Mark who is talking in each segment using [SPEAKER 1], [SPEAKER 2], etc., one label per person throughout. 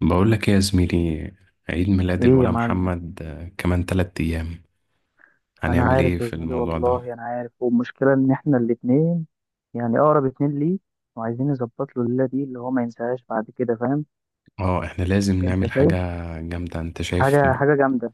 [SPEAKER 1] بقول لك ايه يا زميلي؟ عيد ميلاد
[SPEAKER 2] ايه يا
[SPEAKER 1] الولا
[SPEAKER 2] معلم.
[SPEAKER 1] محمد، كمان 3 ايام.
[SPEAKER 2] انا
[SPEAKER 1] هنعمل ايه
[SPEAKER 2] عارف يا
[SPEAKER 1] في
[SPEAKER 2] زميلي،
[SPEAKER 1] الموضوع ده؟
[SPEAKER 2] والله انا عارف. والمشكله ان احنا الاتنين، يعني اقرب اتنين ليه، وعايزين نظبط له الليله دي اللي هو ما ينساهاش بعد كده، فاهم؟
[SPEAKER 1] اه احنا لازم
[SPEAKER 2] انت
[SPEAKER 1] نعمل حاجة
[SPEAKER 2] شايف
[SPEAKER 1] جامدة. انت شايف
[SPEAKER 2] حاجه حاجه جامده.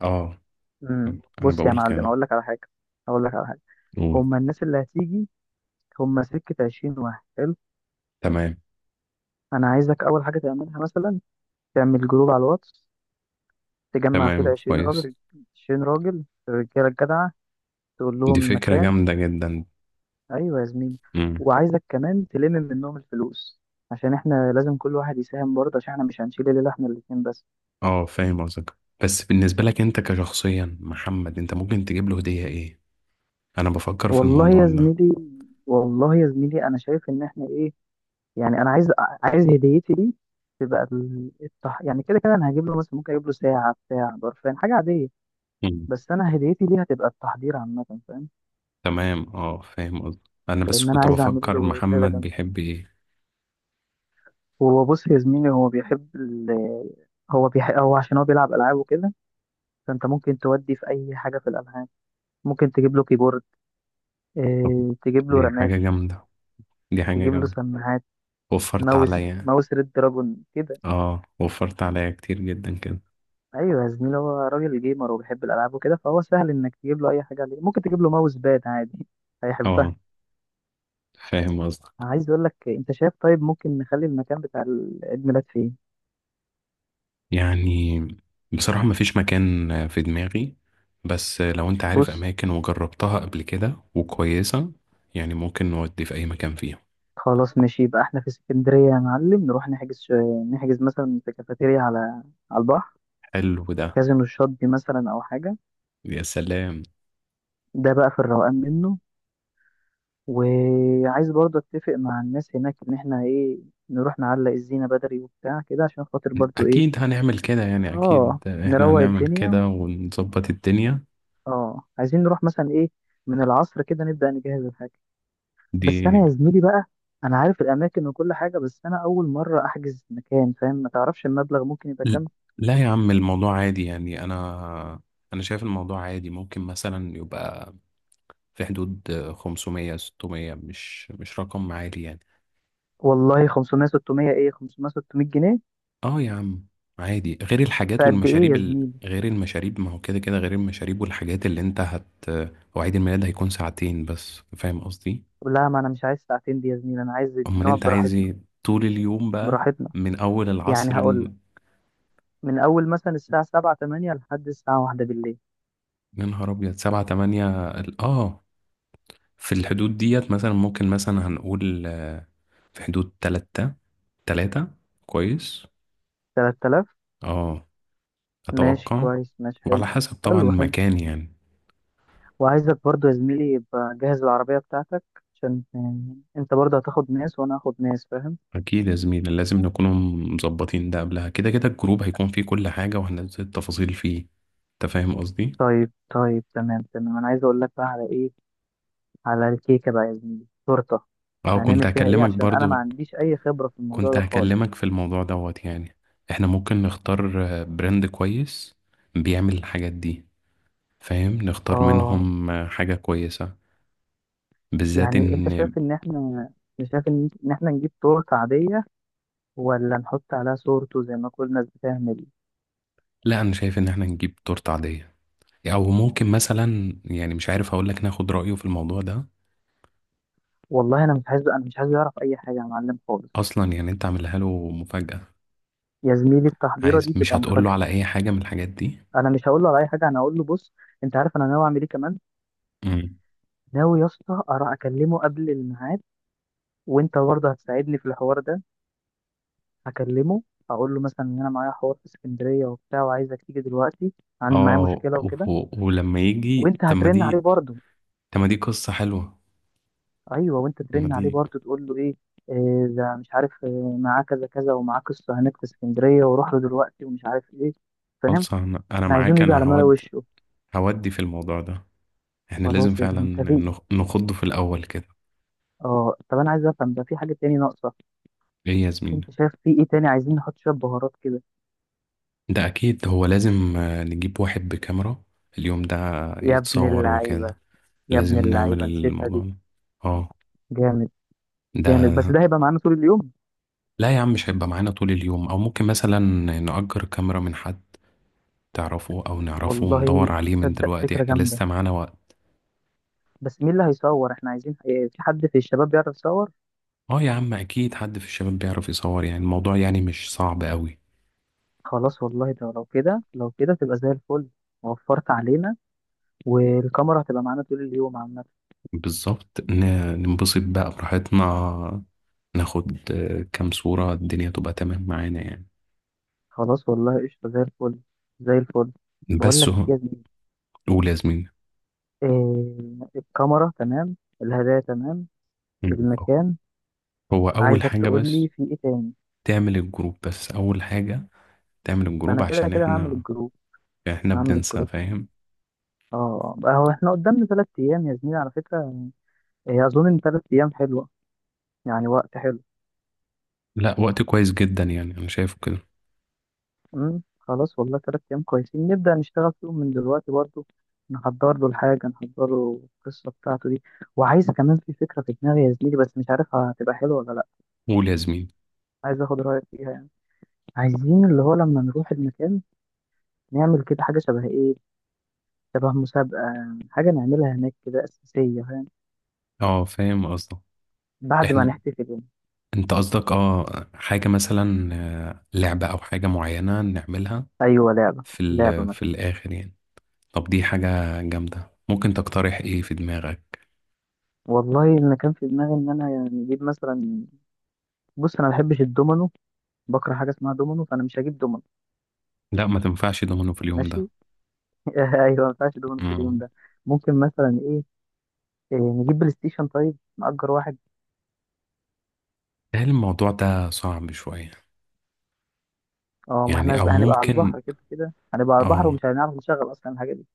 [SPEAKER 1] اه انا
[SPEAKER 2] بص يا
[SPEAKER 1] بقول
[SPEAKER 2] معلم،
[SPEAKER 1] كده.
[SPEAKER 2] اقول لك على حاجه.
[SPEAKER 1] قول.
[SPEAKER 2] هما الناس اللي هتيجي، هما سكه 20 واحد، حلو.
[SPEAKER 1] تمام،
[SPEAKER 2] انا عايزك اول حاجه تعملها مثلا، تعمل جروب على الواتس، تجمع فيه ال
[SPEAKER 1] تمام،
[SPEAKER 2] 20
[SPEAKER 1] كويس.
[SPEAKER 2] راجل. 20 راجل، الرجاله الجدعه، تقول
[SPEAKER 1] دي
[SPEAKER 2] لهم
[SPEAKER 1] فكرة
[SPEAKER 2] مكان.
[SPEAKER 1] جامدة جدا.
[SPEAKER 2] ايوه يا زميلي.
[SPEAKER 1] امم
[SPEAKER 2] وعايزك كمان تلم منهم الفلوس، عشان احنا لازم كل واحد يساهم برضه، عشان احنا مش هنشيل الليله احنا الاتنين بس.
[SPEAKER 1] اه، فاهم قصدك. بس بالنسبة لك انت كشخصيا محمد، انت ممكن تجيب له هدية ايه؟ انا بفكر في
[SPEAKER 2] والله
[SPEAKER 1] الموضوع
[SPEAKER 2] يا
[SPEAKER 1] ده.
[SPEAKER 2] زميلي والله يا زميلي، انا شايف ان احنا ايه، يعني انا عايز هديتي دي تبقى يعني كده كده انا هجيب له مثلا، ممكن اجيب له ساعه بتاع برفان حاجه عاديه.
[SPEAKER 1] امم
[SPEAKER 2] بس انا هديتي دي هتبقى التحضير عامه، فاهم؟
[SPEAKER 1] تمام، اه فاهم قصدك. انا بس
[SPEAKER 2] لان انا
[SPEAKER 1] كنت
[SPEAKER 2] عايز اعمل
[SPEAKER 1] بفكر
[SPEAKER 2] له ليله
[SPEAKER 1] محمد
[SPEAKER 2] جامده.
[SPEAKER 1] بيحب ايه.
[SPEAKER 2] هو بص يا زميلي، هو عشان هو بيلعب العاب وكده، فانت ممكن تودي في اي حاجه في الالعاب. ممكن تجيب له كيبورد،
[SPEAKER 1] طب
[SPEAKER 2] إيه تجيب له
[SPEAKER 1] دي
[SPEAKER 2] رامات،
[SPEAKER 1] حاجة جامدة. دي حاجة
[SPEAKER 2] تجيب له
[SPEAKER 1] جامدة.
[SPEAKER 2] سماعات،
[SPEAKER 1] وفرت
[SPEAKER 2] ماوس،
[SPEAKER 1] عليا.
[SPEAKER 2] ماوس ريد دراجون كده.
[SPEAKER 1] اه، وفرت عليا كتير جدا كده.
[SPEAKER 2] ايوه يا زميلي، هو راجل جيمر وبيحب الالعاب وكده، فهو سهل انك تجيب له اي حاجه عليه. ممكن تجيب له ماوس باد عادي هيحبها.
[SPEAKER 1] اه، فاهم قصدك.
[SPEAKER 2] عايز اقول لك، انت شايف طيب، ممكن نخلي المكان بتاع العيد ميلاد فين؟
[SPEAKER 1] يعني بصراحة مفيش مكان في دماغي، بس لو انت عارف
[SPEAKER 2] بص،
[SPEAKER 1] اماكن وجربتها قبل كده وكويسة، يعني ممكن نودي في اي مكان فيهم.
[SPEAKER 2] خلاص ماشي، يبقى احنا في اسكندريه يا معلم، نروح نحجز مثلا في كافيتيريا على البحر،
[SPEAKER 1] حلو ده.
[SPEAKER 2] كازينو الشاطبي مثلا، او حاجه.
[SPEAKER 1] يا سلام.
[SPEAKER 2] ده بقى في الروقان منه. وعايز برضه اتفق مع الناس هناك، ان احنا ايه، نروح نعلق الزينة بدري وبتاع كده، عشان خاطر برضه ايه.
[SPEAKER 1] اكيد هنعمل كده، يعني
[SPEAKER 2] اه،
[SPEAKER 1] اكيد احنا
[SPEAKER 2] نروق
[SPEAKER 1] هنعمل
[SPEAKER 2] الدنيا.
[SPEAKER 1] كده ونظبط الدنيا
[SPEAKER 2] اه، عايزين نروح مثلا ايه، من العصر كده نبدأ نجهز الحاجة.
[SPEAKER 1] دي.
[SPEAKER 2] بس انا يا زميلي بقى، انا عارف الاماكن وكل حاجة، بس انا اول مرة احجز مكان، فاهم؟ ما تعرفش المبلغ ممكن يبقى
[SPEAKER 1] ل-
[SPEAKER 2] كام؟
[SPEAKER 1] لا يا عم، الموضوع عادي يعني. انا شايف الموضوع عادي. ممكن مثلا يبقى في حدود 500 600، مش رقم عالي يعني.
[SPEAKER 2] والله 500 600 ايه، 500 600 جنيه؟
[SPEAKER 1] اه يا عم، عادي. غير الحاجات
[SPEAKER 2] فقد ايه
[SPEAKER 1] والمشاريب
[SPEAKER 2] يا زميلي؟
[SPEAKER 1] غير المشاريب، ما هو كده كده غير المشاريب والحاجات اللي انت هت. هو عيد الميلاد هيكون ساعتين بس، فاهم قصدي؟
[SPEAKER 2] لا، ما انا مش عايز ساعتين دي يا زميلي، انا عايز
[SPEAKER 1] امال
[SPEAKER 2] نقعد
[SPEAKER 1] انت عايز
[SPEAKER 2] براحتنا.
[SPEAKER 1] ايه؟ طول اليوم بقى.
[SPEAKER 2] براحتنا.
[SPEAKER 1] من اول
[SPEAKER 2] يعني
[SPEAKER 1] العصر
[SPEAKER 2] هقول، من أول مثلا الساعة سبعة تمانية لحد الساعة واحدة بالليل.
[SPEAKER 1] يا نهار ابيض، 7 8 في الحدود ديت مثلا. ممكن مثلا هنقول في حدود 3. 3، كويس.
[SPEAKER 2] 3000.
[SPEAKER 1] اه،
[SPEAKER 2] ماشي
[SPEAKER 1] أتوقع.
[SPEAKER 2] كويس، ماشي حلو.
[SPEAKER 1] وعلى حسب طبعا
[SPEAKER 2] حلو حلو.
[SPEAKER 1] المكان يعني.
[SPEAKER 2] وعايزك برضو يا زميلي يبقى جهز العربية بتاعتك، عشان انت برضه هتاخد ناس وانا هاخد ناس، فاهم؟
[SPEAKER 1] أكيد يا زميلي، لازم نكون مظبطين ده قبلها. كده كده الجروب هيكون فيه كل حاجة، وهننزل التفاصيل فيه. أنت فاهم قصدي؟
[SPEAKER 2] طيب طيب، تمام تمام. انا عايز اقول لك بقى على ايه، على الكيكة بقى يا زميلي، تورتة.
[SPEAKER 1] أه، كنت
[SPEAKER 2] هنعمل فيها ايه؟
[SPEAKER 1] هكلمك
[SPEAKER 2] عشان انا ما
[SPEAKER 1] برضو.
[SPEAKER 2] عنديش اي خبرة في الموضوع
[SPEAKER 1] كنت
[SPEAKER 2] ده خالص.
[SPEAKER 1] هكلمك في الموضوع دوت يعني. إحنا ممكن نختار براند كويس بيعمل الحاجات دي. فاهم؟ نختار
[SPEAKER 2] اه.
[SPEAKER 1] منهم حاجة كويسة، بالذات
[SPEAKER 2] يعني انت
[SPEAKER 1] إن...
[SPEAKER 2] شايف ان احنا، شايف ان إن احنا نجيب تورتة عادية، ولا نحط عليها صورته زي ما كل الناس بتعمل؟
[SPEAKER 1] لا، أنا شايف إن إحنا نجيب تورتة عادية. أو ممكن مثلا يعني مش عارف، هقولك ناخد رأيه في الموضوع ده.
[SPEAKER 2] والله انا مش عايز يعرف اي حاجه يا معلم خالص.
[SPEAKER 1] اصلا يعني انت عاملها له مفاجأة.
[SPEAKER 2] يا زميلي التحضيره
[SPEAKER 1] عايز،
[SPEAKER 2] دي
[SPEAKER 1] مش
[SPEAKER 2] تبقى
[SPEAKER 1] هتقول له
[SPEAKER 2] مفاجاه.
[SPEAKER 1] على اي حاجة من الحاجات دي.
[SPEAKER 2] انا مش هقول له على اي حاجه، انا هقول له بص، انت عارف انا ناوي اعمل ايه كمان.
[SPEAKER 1] امم
[SPEAKER 2] ناوي يا اسطى اكلمه قبل الميعاد، وانت برضه هتساعدني في الحوار ده. هكلمه، اقول له مثلا ان انا معايا حوار في اسكندريه وبتاع، وعايزك تيجي دلوقتي، عندي معايا مشكله وكده.
[SPEAKER 1] ولما يجي.
[SPEAKER 2] وانت هترن عليه برضه.
[SPEAKER 1] طب ما دي قصة حلوة.
[SPEAKER 2] ايوه، وانت
[SPEAKER 1] طب ما
[SPEAKER 2] ترن عليه
[SPEAKER 1] دي
[SPEAKER 2] برضه، تقول له ايه، إيه ده، مش عارف إيه، معاه كذا كذا، ومعاه قصه هناك في اسكندريه، وروح له دلوقتي، ومش عارف ايه. فاهم؟
[SPEAKER 1] خالصة. أنا
[SPEAKER 2] احنا عايزينه
[SPEAKER 1] معاك،
[SPEAKER 2] يجي
[SPEAKER 1] انا
[SPEAKER 2] على ملا
[SPEAKER 1] هودي.
[SPEAKER 2] وشه.
[SPEAKER 1] هودي في الموضوع ده. احنا لازم
[SPEAKER 2] خلاص يا ابني،
[SPEAKER 1] فعلا
[SPEAKER 2] انت في.
[SPEAKER 1] نخضه في الاول كده.
[SPEAKER 2] اه، طب انا عايز افهم ده، في حاجه تاني ناقصه؟
[SPEAKER 1] ايه يا زميلي؟
[SPEAKER 2] انت شايف في ايه تاني؟ عايزين نحط شويه بهارات كده.
[SPEAKER 1] ده اكيد. هو لازم نجيب واحد بكاميرا اليوم ده،
[SPEAKER 2] يا ابن
[SPEAKER 1] يتصور
[SPEAKER 2] اللعيبه،
[SPEAKER 1] وكده.
[SPEAKER 2] يا
[SPEAKER 1] لازم
[SPEAKER 2] ابن
[SPEAKER 1] نعمل
[SPEAKER 2] اللعيبه، نسيتها
[SPEAKER 1] الموضوع
[SPEAKER 2] دي.
[SPEAKER 1] ده. اه،
[SPEAKER 2] جامد. جامد
[SPEAKER 1] ده.
[SPEAKER 2] بس ده هيبقى معانا طول اليوم.
[SPEAKER 1] لا يا عم، مش هيبقى معانا طول اليوم. او ممكن مثلا نأجر كاميرا من حد تعرفه او نعرفه،
[SPEAKER 2] والله
[SPEAKER 1] وندور عليه من
[SPEAKER 2] تصدق
[SPEAKER 1] دلوقتي،
[SPEAKER 2] فكره
[SPEAKER 1] احنا
[SPEAKER 2] جامده،
[SPEAKER 1] لسه معانا وقت.
[SPEAKER 2] بس مين اللي هيصور؟ احنا عايزين ايه، في حد في الشباب بيعرف يصور؟
[SPEAKER 1] اه يا عم، اكيد حد في الشباب بيعرف يصور، يعني الموضوع يعني مش صعب قوي.
[SPEAKER 2] خلاص والله، ده لو كده لو كده تبقى زي الفل. وفرت علينا. والكاميرا هتبقى معانا طول اليوم عامه.
[SPEAKER 1] بالظبط، ننبسط بقى براحتنا. ناخد كام صورة، الدنيا تبقى تمام معانا يعني.
[SPEAKER 2] خلاص والله قشطه زي الفل، زي الفل. بقول
[SPEAKER 1] بس
[SPEAKER 2] لك
[SPEAKER 1] هو.
[SPEAKER 2] إيه يا ابني،
[SPEAKER 1] قول يا زميلي.
[SPEAKER 2] إيه، الكاميرا تمام، الهدايا تمام،
[SPEAKER 1] مم.
[SPEAKER 2] المكان.
[SPEAKER 1] هو أول
[SPEAKER 2] عايزك
[SPEAKER 1] حاجة
[SPEAKER 2] تقول لي
[SPEAKER 1] بس
[SPEAKER 2] في ايه تاني.
[SPEAKER 1] تعمل الجروب. بس أول حاجة تعمل
[SPEAKER 2] ما
[SPEAKER 1] الجروب
[SPEAKER 2] انا كده
[SPEAKER 1] عشان
[SPEAKER 2] كده هعمل
[SPEAKER 1] احنا
[SPEAKER 2] الجروب.
[SPEAKER 1] احنا
[SPEAKER 2] هعمل
[SPEAKER 1] بننسى،
[SPEAKER 2] الجروب.
[SPEAKER 1] فاهم.
[SPEAKER 2] اه بقى، هو احنا قدامنا 3 ايام يا زميلي على فكرة. إيه، اظن ان 3 ايام حلوة، يعني وقت حلو.
[SPEAKER 1] لا، وقت كويس جدا يعني، أنا شايفه كده.
[SPEAKER 2] خلاص والله، 3 ايام كويسين، نبدأ نشتغل فيهم من دلوقتي برضو. نحضر له الحاجة، نحضر له القصة بتاعته دي. وعايز كمان في فكرة في دماغي يا زميلي، بس مش عارف هتبقى حلوة ولا لا.
[SPEAKER 1] قول يا زميلي.
[SPEAKER 2] عايز اخد رأيك فيها يعني. عايزين اللي هو لما نروح المكان، نعمل كده حاجة شبه ايه، شبه مسابقة. حاجة نعملها هناك كده أساسية، فاهم؟
[SPEAKER 1] اه فاهم قصدك.
[SPEAKER 2] بعد ما
[SPEAKER 1] احنا.
[SPEAKER 2] نحتفل يعني.
[SPEAKER 1] انت قصدك اه، حاجة مثلا لعبة او حاجة معينة نعملها
[SPEAKER 2] أيوة، لعبة،
[SPEAKER 1] في
[SPEAKER 2] لعبة
[SPEAKER 1] ال في
[SPEAKER 2] مثلا.
[SPEAKER 1] الاخر يعني. طب دي حاجة جامدة. ممكن تقترح ايه في دماغك؟
[SPEAKER 2] والله أنا كان في دماغي إن أنا يعني أجيب مثلا، بص أنا ما بحبش الدومينو، بكره حاجة اسمها دومينو، فأنا مش هجيب دومينو.
[SPEAKER 1] لا، ما تنفعش دومينو في اليوم ده.
[SPEAKER 2] ماشي أيوة، ما ينفعش دومينو في اليوم
[SPEAKER 1] امم
[SPEAKER 2] ده. ممكن مثلا إيه نجيب بلاي ستيشن، طيب نأجر واحد.
[SPEAKER 1] هل الموضوع ده صعب شوية؟
[SPEAKER 2] اه، ما احنا
[SPEAKER 1] يعني او
[SPEAKER 2] هنبقى على
[SPEAKER 1] ممكن
[SPEAKER 2] البحر كده كده، هنبقى على البحر،
[SPEAKER 1] اه
[SPEAKER 2] ومش هنعرف نشغل أصلا الحاجة دي.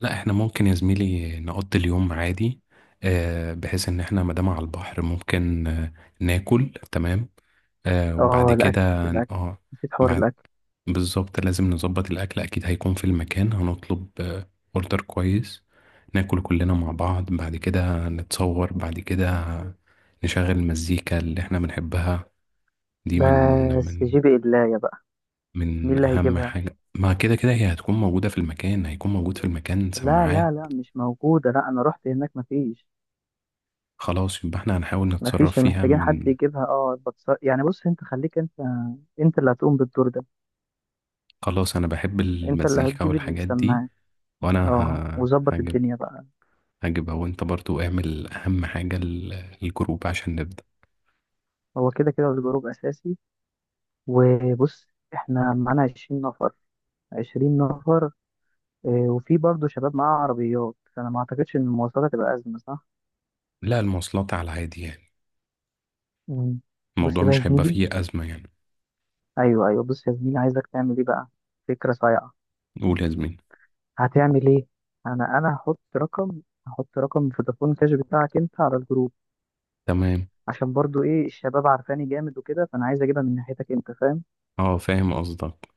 [SPEAKER 1] لا، احنا ممكن يا زميلي نقضي اليوم عادي، بحيث ان احنا مادام على البحر ممكن ناكل تمام، وبعد
[SPEAKER 2] اه،
[SPEAKER 1] كده
[SPEAKER 2] الأكل الأكل،
[SPEAKER 1] اه
[SPEAKER 2] نسيت حوار الأكل.
[SPEAKER 1] بالظبط لازم نظبط الأكل. أكيد هيكون في المكان هنطلب أوردر كويس، ناكل كلنا مع بعض، بعد كده نتصور، بعد كده نشغل المزيكا اللي احنا بنحبها. دي من
[SPEAKER 2] بس
[SPEAKER 1] من
[SPEAKER 2] جيب إدلاية بقى. مين
[SPEAKER 1] من
[SPEAKER 2] اللي
[SPEAKER 1] أهم
[SPEAKER 2] هيجيبها؟
[SPEAKER 1] حاجة، ما كده كده هي هتكون موجودة في المكان، هيكون موجود في المكان
[SPEAKER 2] لا لا
[SPEAKER 1] سماعات.
[SPEAKER 2] لا، مش موجودة، لا أنا رحت هناك مفيش.
[SPEAKER 1] خلاص، يبقى احنا هنحاول نتصرف
[SPEAKER 2] مفيش،
[SPEAKER 1] فيها
[SPEAKER 2] محتاجين حد
[SPEAKER 1] من...
[SPEAKER 2] يجيبها، اه يعني بص أنت خليك أنت، أنت اللي هتقوم بالدور ده.
[SPEAKER 1] خلاص، أنا بحب
[SPEAKER 2] أنت اللي
[SPEAKER 1] المزيكا
[SPEAKER 2] هتجيب
[SPEAKER 1] والحاجات دي.
[SPEAKER 2] السماعة.
[SPEAKER 1] وأنا
[SPEAKER 2] اه، وظبط
[SPEAKER 1] هجيب.
[SPEAKER 2] الدنيا بقى.
[SPEAKER 1] هجيبها. وانت برضو اعمل أهم حاجة الجروب عشان نبدأ.
[SPEAKER 2] هو كده كده الجروب أساسي. وبص، إحنا معانا 20 نفر، 20 نفر. وفي برضه شباب معاه عربيات، فأنا ما أعتقدش إن المواصلات هتبقى أزمة، صح؟
[SPEAKER 1] لا، المواصلات على العادي يعني.
[SPEAKER 2] مم. بص
[SPEAKER 1] الموضوع
[SPEAKER 2] بقى يا
[SPEAKER 1] مش هيبقى
[SPEAKER 2] زميلي.
[SPEAKER 1] فيه أزمة يعني.
[SPEAKER 2] أيوه أيوه، بص يا زميلي، عايزك تعمل إيه بقى، فكرة صايعة.
[SPEAKER 1] قول يا زميلي.
[SPEAKER 2] هتعمل ايه، انا هحط رقم، هحط رقم فودافون كاش بتاعك انت على الجروب.
[SPEAKER 1] تمام،
[SPEAKER 2] عشان برضو ايه، الشباب عارفاني جامد وكده، فانا عايز اجيبها من ناحيتك انت، فاهم؟
[SPEAKER 1] اه فاهم قصدك.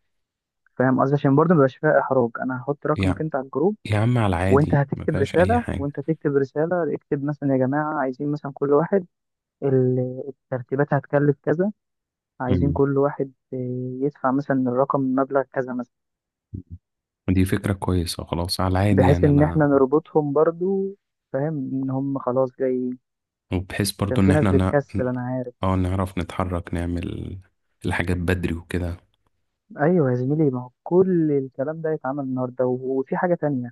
[SPEAKER 2] فاهم قصدي، عشان برضو مبيبقاش فيها احراج، انا هحط رقمك
[SPEAKER 1] يا
[SPEAKER 2] انت على الجروب.
[SPEAKER 1] يا عم، على العادي، ما فيهاش أي حاجة.
[SPEAKER 2] وانت تكتب رساله، اكتب مثلا يا جماعه، عايزين مثلا كل واحد، الترتيبات هتكلف كذا، عايزين
[SPEAKER 1] مم.
[SPEAKER 2] كل واحد إيه، يدفع مثلا الرقم مبلغ كذا مثلا.
[SPEAKER 1] دي فكرة كويسة. خلاص، على العادي
[SPEAKER 2] بحيث
[SPEAKER 1] يعني
[SPEAKER 2] ان احنا
[SPEAKER 1] أنا.
[SPEAKER 2] نربطهم برضو، فاهم ان هم خلاص جايين.
[SPEAKER 1] وبحيث
[SPEAKER 2] عشان
[SPEAKER 1] برضو إن
[SPEAKER 2] في ناس
[SPEAKER 1] احنا نا...
[SPEAKER 2] بتكسل انا عارف.
[SPEAKER 1] اه، نعرف نتحرك، نعمل الحاجات بدري وكده.
[SPEAKER 2] ايوه يا زميلي، ما هو كل الكلام ده يتعمل النهارده، وفي حاجه تانية،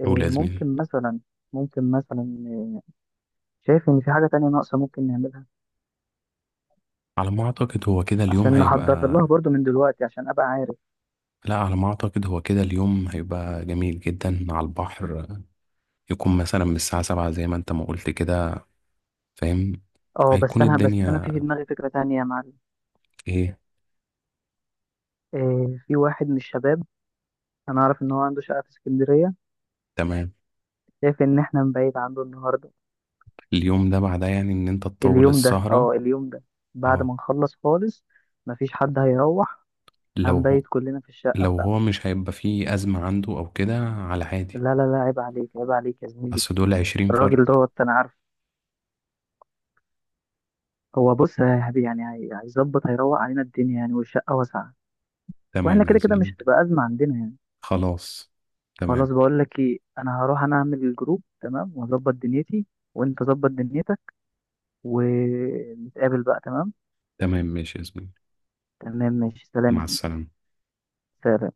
[SPEAKER 2] إيه،
[SPEAKER 1] قول يا زميلي.
[SPEAKER 2] ممكن مثلا إيه، شايف ان في حاجه تانية ناقصه ممكن نعملها؟
[SPEAKER 1] على ما أعتقد هو كده اليوم
[SPEAKER 2] عشان نحضر
[SPEAKER 1] هيبقى.
[SPEAKER 2] لها برضو من دلوقتي، عشان ابقى عارف.
[SPEAKER 1] لا، على ما أعتقد هو كده اليوم هيبقى جميل جدا على البحر. يكون مثلا من الساعة 7 زي ما أنت ما قلت كده، فاهم.
[SPEAKER 2] اه،
[SPEAKER 1] هيكون
[SPEAKER 2] بس انا في
[SPEAKER 1] الدنيا
[SPEAKER 2] في دماغي فكره تانية يا معلم.
[SPEAKER 1] ايه؟
[SPEAKER 2] إيه، في واحد من الشباب، انا اعرف ان هو عنده شقه في اسكندريه.
[SPEAKER 1] تمام.
[SPEAKER 2] شايف ان احنا نبعد عنده النهارده.
[SPEAKER 1] اليوم ده بعدها، يعني ان انت تطول
[SPEAKER 2] اليوم ده،
[SPEAKER 1] السهرة.
[SPEAKER 2] اه اليوم ده، بعد
[SPEAKER 1] اه،
[SPEAKER 2] ما نخلص خالص. مفيش حد هيروح،
[SPEAKER 1] لو هو
[SPEAKER 2] هنبيت كلنا في الشقه
[SPEAKER 1] لو
[SPEAKER 2] بتاعته.
[SPEAKER 1] هو مش هيبقى فيه أزمة عنده او كده، على عادي.
[SPEAKER 2] لا لا لا، عيب عليك، عيب عليك يا زميلي.
[SPEAKER 1] بس دول عشرين
[SPEAKER 2] الراجل
[SPEAKER 1] فرد
[SPEAKER 2] دوت انا عارف. هو بص يا حبيبي يعني، هيظبط، هيروق علينا الدنيا يعني، والشقة واسعة. واحنا
[SPEAKER 1] تمام يا
[SPEAKER 2] كده كده
[SPEAKER 1] زميلي.
[SPEAKER 2] مش هتبقى أزمة عندنا يعني.
[SPEAKER 1] خلاص،
[SPEAKER 2] خلاص،
[SPEAKER 1] تمام.
[SPEAKER 2] بقول لك ايه، انا هروح انا اعمل الجروب تمام، واظبط دنيتي، وانت ظبط دنيتك، ونتقابل بقى، تمام.
[SPEAKER 1] تمام ماشي يا زميلي.
[SPEAKER 2] تمام ماشي، سلام يا
[SPEAKER 1] مع
[SPEAKER 2] زميلي.
[SPEAKER 1] السلامة.
[SPEAKER 2] سلام.